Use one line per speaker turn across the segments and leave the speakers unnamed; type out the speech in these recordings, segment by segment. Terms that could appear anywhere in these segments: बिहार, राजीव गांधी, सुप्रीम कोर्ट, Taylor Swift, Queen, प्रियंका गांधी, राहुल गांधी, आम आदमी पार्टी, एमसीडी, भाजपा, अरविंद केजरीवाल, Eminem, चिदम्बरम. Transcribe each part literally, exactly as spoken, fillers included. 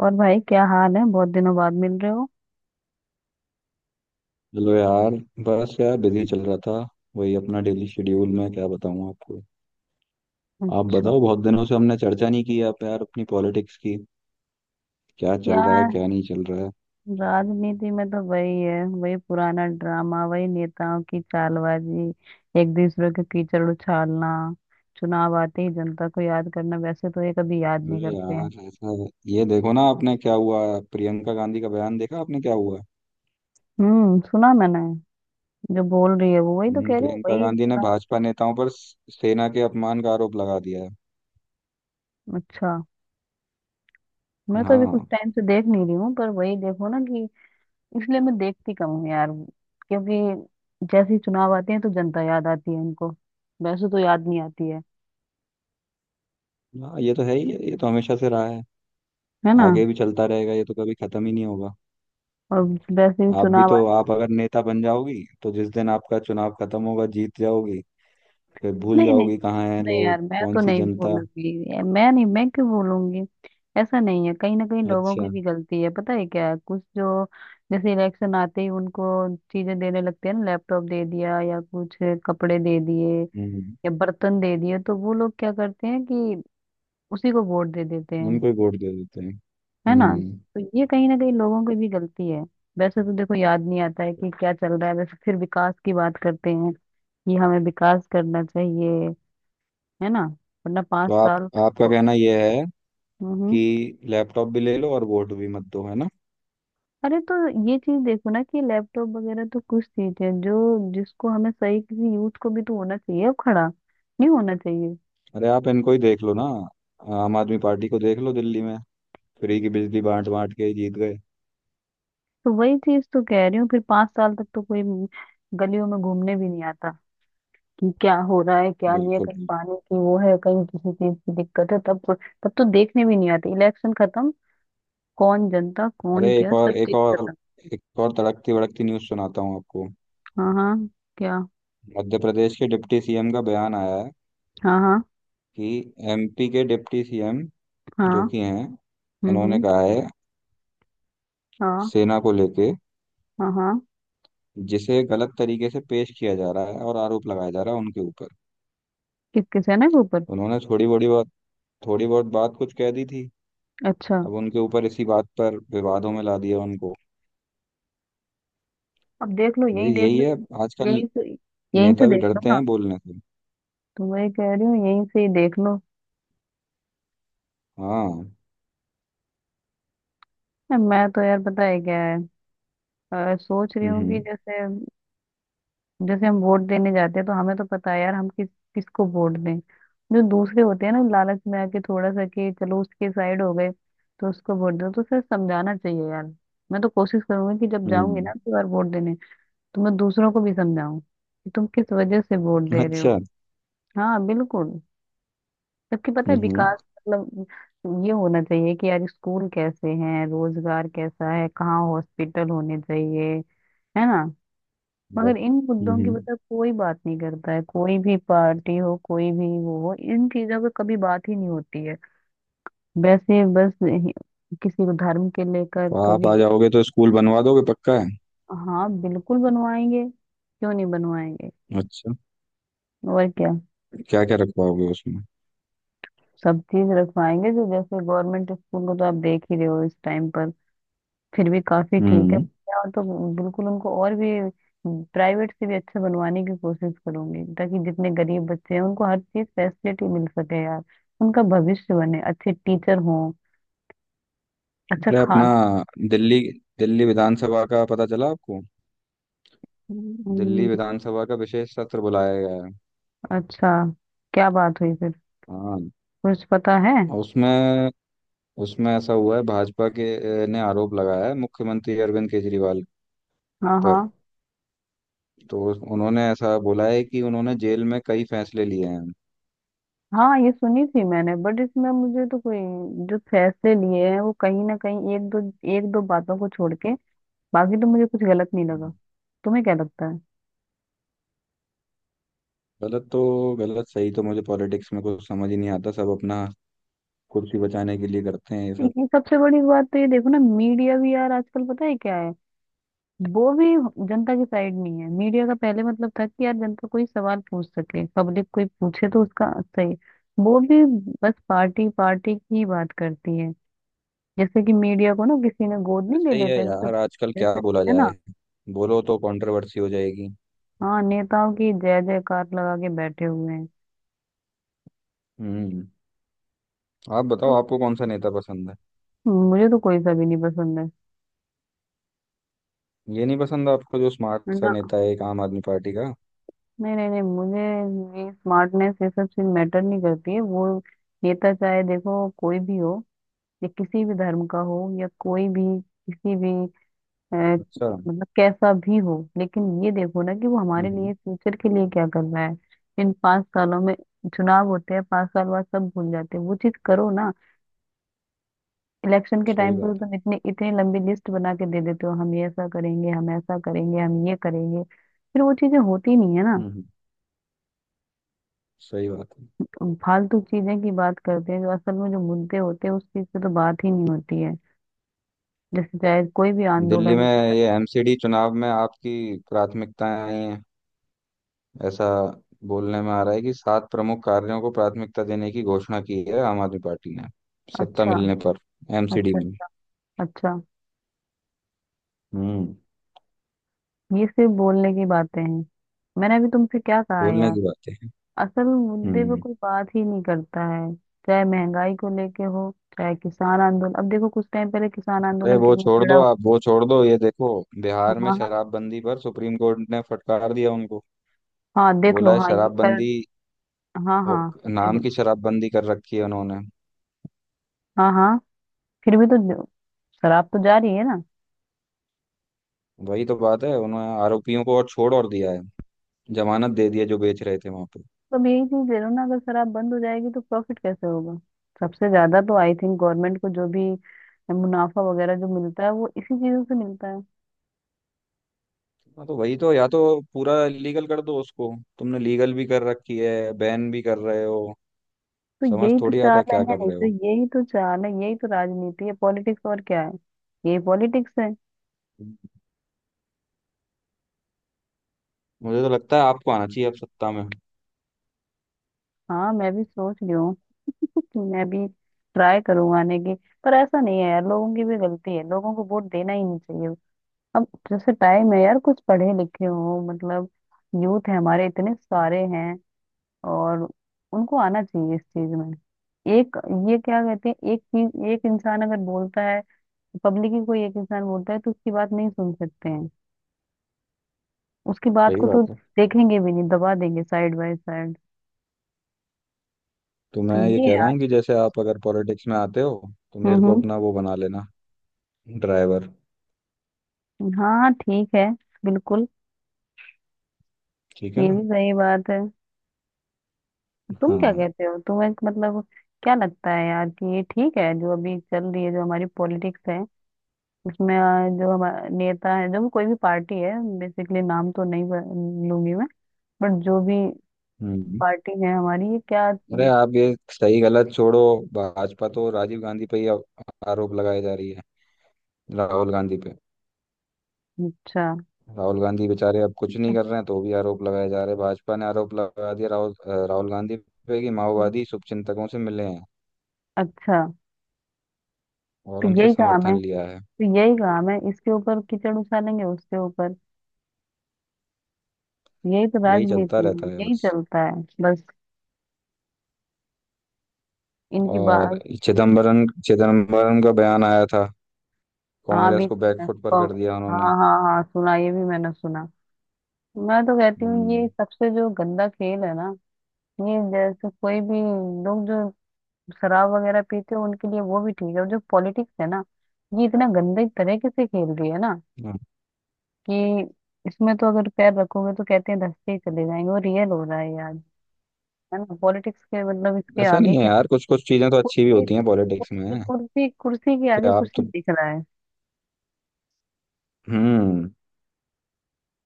और भाई क्या हाल है, बहुत दिनों बाद मिल रहे हो।
चलो यार। बस यार बिजी चल रहा था। वही अपना डेली शेड्यूल में क्या बताऊं आपको। आप
अच्छा।
बताओ, बहुत दिनों से हमने चर्चा नहीं की आप यार अपनी पॉलिटिक्स की। क्या चल रहा है
यार,
क्या नहीं चल रहा है।
राजनीति में तो वही है, वही पुराना ड्रामा, वही नेताओं की चालबाजी, एक दूसरे के कीचड़ उछालना, चुनाव आते ही जनता को याद करना, वैसे तो ये कभी याद नहीं
अरे
करते हैं।
यार ऐसा है, ये देखो ना, आपने क्या हुआ प्रियंका गांधी का बयान देखा आपने क्या हुआ।
हम्म, सुना मैंने। जो बोल रही है वो वही तो
हम्म,
कह रही है,
प्रियंका
वही
गांधी ने
चुनाव।
भाजपा नेताओं पर स- सेना के अपमान का आरोप लगा दिया है।
अच्छा। मैं तो अभी कुछ
हाँ।
टाइम से देख नहीं रही हूँ पर वही देखो ना कि इसलिए मैं देखती कम हूँ यार, क्योंकि जैसे ही चुनाव आते हैं तो जनता याद आती है इनको, वैसे तो याद नहीं आती है
हाँ ये तो है ही है, ये तो हमेशा से रहा है।
है ना।
आगे भी चलता रहेगा, ये तो कभी खत्म ही नहीं होगा।
और वैसे भी
आप भी
चुनाव
तो
आते हैं।
आप अगर नेता बन जाओगी तो जिस दिन आपका चुनाव खत्म होगा जीत जाओगी, फिर भूल
नहीं, नहीं
जाओगी कहाँ हैं
नहीं
लोग
यार, मैं
कौन
तो
सी
नहीं
जनता।
बोलूंगी। ये- मैं नहीं, मैं क्यों बोलूंगी। ऐसा नहीं है, कहीं ना कहीं लोगों की
अच्छा।
भी गलती है, पता है क्या है। कुछ जो जैसे इलेक्शन आते ही उनको चीजें देने लगते हैं ना, लैपटॉप दे दिया या कुछ कपड़े दे दिए
हम्म।
या बर्तन दे दिए, तो वो लोग क्या करते हैं कि उसी को वोट दे देते हैं,
उनको ही वोट दे देते हैं
है ना।
हम्म।
तो ये कहीं ना कहीं लोगों की भी गलती है। वैसे तो देखो याद नहीं आता है कि क्या चल रहा है, वैसे फिर विकास की बात करते हैं कि हमें विकास करना चाहिए, है ना। वरना
तो
पांच
आप
साल
आपका
को-
कहना यह है
हम्म हम्म।
कि लैपटॉप भी ले लो और वोट भी मत दो, है ना।
अरे तो ये चीज देखो ना कि लैपटॉप वगैरह तो कुछ चीज है जो जिसको हमें सही, किसी यूथ को भी तो होना चाहिए, अब खड़ा नहीं होना चाहिए।
अरे आप इनको ही देख लो ना। आम आदमी पार्टी को देख लो दिल्ली में। फ्री की बिजली बांट बांट के ही जीत गए।
तो वही चीज तो कह रही हूँ, फिर पांच साल तक तो कोई गलियों में घूमने भी नहीं आता कि क्या हो रहा है, क्या नहीं है,
बिल्कुल
कहीं
बिल्कुल।
पानी की वो है, कहीं किसी चीज की दिक्कत है तब। तब तो देखने भी नहीं आते, इलेक्शन खत्म, कौन जनता
अरे
कौन
एक
क्या, सब
और एक
चीज
और
खत्म।
एक और तड़कती भड़कती न्यूज़ सुनाता हूँ आपको।
हाँ हाँ। क्या।
मध्य प्रदेश के डिप्टी सीएम का बयान आया है
हाँ हाँ
कि एमपी के डिप्टी सीएम
हाँ।
जो कि हैं,
हम्म
उन्होंने
हम्म।
कहा है
हाँ
सेना को लेके
हाँ हाँ।
जिसे गलत तरीके से पेश किया जा रहा है और आरोप लगाया जा रहा है उनके ऊपर।
किस किस है ना के ऊपर।
उन्होंने थोड़ी बड़ी बात थोड़ी बहुत बात कुछ कह दी थी।
अच्छा।
अब उनके ऊपर इसी बात पर विवादों में ला दिया उनको।
अब देख लो,
भाई
यहीं देख
यही
लो।
है आजकल।
यहीं से, यहीं से
नेता भी
देख लो
डरते
ना।
हैं बोलने से।
तो मैं ये कह रही हूँ, यहीं से ही देख लो।
हाँ।
मैं तो यार पता है क्या है, अ, सोच रही हूँ कि
हम्म
जैसे जैसे हम वोट देने जाते हैं तो हमें तो पता है यार हम किस किसको वोट दें। जो दूसरे होते हैं ना लालच में आके थोड़ा सा कि चलो उसके साइड हो गए तो उसको वोट दो, तो सर समझाना चाहिए यार। मैं तो कोशिश करूंगी कि जब जाऊंगी ना
हम्म।
अगली बार वोट देने, तो मैं दूसरों को भी समझाऊं कि तुम किस वजह से वोट दे रहे हो।
अच्छा।
हाँ, बिल्कुल। जबकि पता है
हम्म।
विकास, मतलब ये होना चाहिए कि यार स्कूल कैसे हैं, रोजगार कैसा है, कहाँ हॉस्पिटल होने चाहिए, है ना।
बस।
मगर इन मुद्दों की,
हम्म।
मतलब कोई बात नहीं करता है, कोई भी पार्टी हो, कोई भी वो हो, इन चीजों पे कभी बात ही नहीं होती है। वैसे बस यही- किसी को धर्म के लेकर
तो आप
कभी।
आ जाओगे तो स्कूल बनवा दोगे पक्का है।
हाँ, बिल्कुल बनवाएंगे, क्यों नहीं बनवाएंगे।
अच्छा।
और क्या।
क्या क्या रखवाओगे उसमें।
सब चीज रखवाएंगे, जो जैसे गवर्नमेंट स्कूल को तो आप देख ही रहे हो इस टाइम पर, फिर भी काफी ठीक है।
हम्म।
और तो बिल्कुल उनको और भी, हम्म, प्राइवेट से भी अच्छे बनवाने की कोशिश करूंगी, ताकि जितने गरीब बच्चे हैं उनको हर चीज फैसिलिटी मिल सके यार। उनका भविष्य बने, अच्छे टीचर हों, अच्छा
अरे अपना
खाना।
दिल्ली दिल्ली विधानसभा का पता चला आपको। दिल्ली
हम्म।
विधानसभा का विशेष सत्र बुलाया गया है।
अच्छा। क्या बात हुई फिर,
हाँ।
कुछ पता है।
और उसमें उसमें ऐसा हुआ है भाजपा के ने आरोप लगाया है मुख्यमंत्री अरविंद केजरीवाल
हाँ हाँ।
पर। तो उन्होंने ऐसा बोला है कि उन्होंने जेल में कई फैसले लिए हैं।
हाँ ये सुनी थी मैंने, बट इसमें मुझे तो कोई, जो फैसले लिए हैं वो कहीं ना कहीं, एक दो एक दो बातों को छोड़ के बाकी तो मुझे कुछ गलत नहीं
हम्म।
लगा। तुम्हें क्या लगता है।
गलत तो गलत सही तो मुझे पॉलिटिक्स में कुछ समझ ही नहीं आता, सब अपना कुर्सी बचाने के लिए करते हैं ये सब।
ये सबसे बड़ी बात तो, ये देखो ना मीडिया भी यार आजकल पता है क्या है, वो भी जनता की साइड नहीं है। मीडिया का पहले मतलब था कि यार जनता कोई सवाल पूछ सके, पब्लिक कोई पूछे तो उसका सही। वो भी बस पार्टी पार्टी की बात करती है, जैसे कि मीडिया को ना किसी ने गोद नहीं ले
ऐसे ही है
लेते हैं,
यार
जैसे,
आजकल क्या
जैसे,
बोला
है ना।
जाए, बोलो तो कंट्रोवर्सी हो जाएगी।
हाँ, नेताओं की जय जयकार लगा के बैठे हुए हैं।
हम्म। आप बताओ आपको कौन सा नेता पसंद है।
मुझे तो कोई सा भी नहीं पसंद,
ये नहीं पसंद आपको जो
है
स्मार्ट सा
ना।
नेता है एक आम आदमी पार्टी का।
नहीं नहीं नहीं, मुझे ये स्मार्टनेस ये सब चीज मैटर नहीं करती है, वो नेता चाहे देखो कोई भी हो, या किसी भी धर्म का हो या कोई भी किसी भी, अ,
अच्छा। हम्म
मतलब कैसा भी हो, लेकिन ये देखो ना कि वो हमारे
हम्म,
लिए फ्यूचर के लिए क्या करना है इन पांच सालों में। चुनाव होते हैं, पांच साल बाद सब भूल जाते हैं, वो चीज करो ना। इलेक्शन के
सही
टाइम पर
बात है।
तुम इतने इतनी लंबी लिस्ट बना के दे देते हो, हम ये ऐसा करेंगे, हम ऐसा करेंगे, हम ये करेंगे, फिर वो चीजें होती नहीं है ना।
हम्म हम्म, सही बात है।
तुम फालतू चीजें की बात करते हैं, जो असल में जो मुद्दे होते हैं उस चीज पे तो बात ही नहीं होती है। जैसे चाहे कोई भी
दिल्ली
आंदोलन
में
हो किस-
ये एमसीडी चुनाव में आपकी प्राथमिकताएं आई हैं, ऐसा बोलने में आ रहा है कि सात प्रमुख कार्यों को प्राथमिकता देने की घोषणा की है आम आदमी पार्टी ने सत्ता
अच्छा।
मिलने पर एमसीडी
अच्छा।
में।
अच्छा।
हम्म।
ये सिर्फ बोलने की बातें हैं, मैंने अभी तुमसे क्या कहा
बोलने
यार।
की बातें हैं।
असल मुद्दे पे
हम्म।
कोई बात ही नहीं करता है, चाहे महंगाई को लेके हो, चाहे किसान आंदोलन। अब देखो कुछ टाइम पहले किसान
अरे
आंदोलन
वो
कितना
छोड़
छिड़ा
दो
हुआ।
आप, वो छोड़ दो, ये देखो।
हाँ
बिहार में
हाँ।
शराबबंदी पर सुप्रीम कोर्ट ने फटकार दिया उनको।
हाँ देख
बोला
लो,
है
हाँ ये कर।
शराबबंदी
हाँ हाँ।
हो- नाम की शराबबंदी कर रखी है उन्होंने।
हाँ हाँ। फिर भी तो जो- शराब तो जारी है ना।
वही तो बात है, उन्होंने आरोपियों को और छोड़ और दिया है, जमानत दे दी है जो बेच रहे थे वहां पे।
तो अब यही चीज ले लो ना, अगर शराब बंद हो जाएगी तो प्रॉफिट कैसे होगा। सबसे ज्यादा तो आई थिंक गवर्नमेंट को जो भी मुनाफा वगैरह जो मिलता है वो इसी चीजों से मिलता है।
हाँ, तो वही तो या तो पूरा लीगल कर दो, उसको तुमने लीगल भी कर रखी है बैन भी कर रहे हो।
तो
समझ
यही तो
थोड़ी आता
चाल
है
है,
क्या कर
नहीं
रहे
तो
हो।
यही तो चाल है, यही तो राजनीति है, पॉलिटिक्स और क्या है। ये पॉलिटिक्स है।
मुझे तो लगता है आपको आना चाहिए अब सत्ता में।
हाँ, मैं भी सोच रही हूँ कि मैं भी ट्राई करूँ आने की। पर ऐसा नहीं है यार, लोगों की भी गलती है, लोगों को वोट देना ही नहीं चाहिए। अब जैसे टाइम है यार, कुछ पढ़े लिखे हो मतलब, यूथ है हमारे इतने सारे हैं, और उनको आना चाहिए इस चीज में। एक, ये क्या कहते हैं, एक चीज, एक इंसान अगर बोलता है पब्लिक ही, कोई एक इंसान बोलता है तो उसकी बात नहीं सुन सकते हैं, उसकी बात
सही
को तो
बात है।
देखेंगे भी नहीं, दबा देंगे साइड बाय साइड।
तो
तो
मैं ये
ये
कह
है
रहा
आज।
हूँ कि जैसे आप अगर पॉलिटिक्स में आते हो तो मेरे को
हम्म
अपना वो बना लेना, ड्राइवर।
हम्म। हाँ ठीक है, बिल्कुल।
ठीक है
ये
ना।
भी सही बात है। तुम क्या
हाँ।
कहते हो, तुम्हें मतलब क्या लगता है यार कि ये ठीक है जो अभी चल रही है जो हमारी पॉलिटिक्स है। उसमें आ, जो हमारा नेता है, जो भी कोई भी पार्टी है, बेसिकली नाम तो नहीं ब- लूंगी मैं, बट जो भी
हम्म।
पार्टी है हमारी, ये क्या।
अरे आप ये सही गलत छोड़ो। भाजपा तो राजीव गांधी पे ही अब आरोप लगाए जा रही है राहुल गांधी पे।
अच्छा।
राहुल गांधी बेचारे अब कुछ नहीं कर रहे हैं तो भी आरोप लगाए जा रहे हैं, भाजपा ने आरोप लगा दिया राहुल अ, राहुल गांधी पे कि माओवादी शुभचिंतकों से मिले हैं
अच्छा।
और
तो
उनसे
यही काम
समर्थन
है,
लिया है।
तो यही काम है, इसके ऊपर कीचड़ उछालेंगे उसके ऊपर। यही तो
यही चलता
राजनीति
रहता है
है, यही
बस।
चलता है बस इनकी
और
बात।
चिदम्बरम चिदम्बरम का बयान आया था,
हाँ भी,
कांग्रेस को
हाँ
बैकफुट पर कर दिया उन्होंने।
हाँ। हाँ सुना, ये भी मैंने सुना। मैं तो कहती हूँ ये
हम्म।
सबसे जो गंदा खेल है ना, ये जैसे कोई भी लोग जो शराब वगैरह पीते हैं उनके लिए वो भी ठीक है, और जो पॉलिटिक्स है ना, ये इतना गंदे तरीके से खेल रही है ना
हाँ,
कि इसमें तो अगर पैर रखोगे तो कहते हैं धंसते ही चले जाएंगे, और रियल हो रहा है यार, है ना। पॉलिटिक्स के मतलब इसके
ऐसा
आगे
नहीं है
क्या,
यार, कुछ कुछ चीजें तो अच्छी भी
कुर्सी।
होती हैं पॉलिटिक्स
कुर्सी,
में।
कुर्सी, कुर्सी के
कि
आगे
आप
कुछ
तो
नहीं दिख रहा है,
हम्म।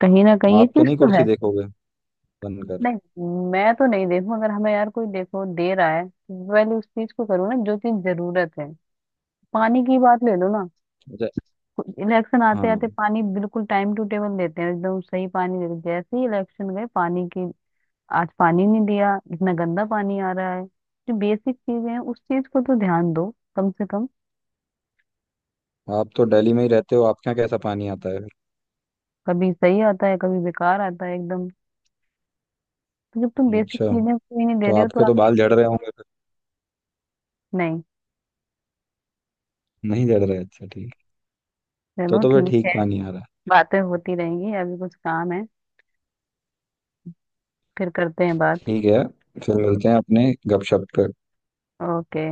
कहीं ना कहीं ये
आप तो
चीज
नहीं
तो
कुर्सी
है।
देखोगे बनकर।
नहीं, मैं तो नहीं देखूं, अगर हमें यार कोई देखो दे रहा है तो पहले उस चीज को करो ना जो चीज जरूरत है। पानी की बात ले लो ना,
अच्छा।
इलेक्शन आते आते
हाँ।
पानी बिल्कुल टाइम टू टेबल देते हैं, एकदम सही पानी देते हैं। जैसे ही इलेक्शन गए पानी की, आज पानी नहीं दिया, इतना गंदा पानी आ रहा है। जो बेसिक चीजें हैं उस चीज को तो ध्यान दो कम से कम।
आप तो दिल्ली में ही रहते हो, आपके यहाँ कैसा पानी आता है।
कभी सही आता है कभी बेकार आता है एकदम। तो जब तुम
फिर
बेसिक
अच्छा।
चीजें कोई नहीं दे
तो
रहे हो तो
आपके
आप,
तो बाल झड़ रहे होंगे फिर।
नहीं,
नहीं झड़ रहे, अच्छा ठीक। तो
चलो
तो फिर
ठीक है।
ठीक पानी आ रहा है।
बातें होती रहेंगी, अभी कुछ काम है, फिर करते हैं बात।
ठीक है। फिर मिलते हैं अपने गपशप पे।
ओके।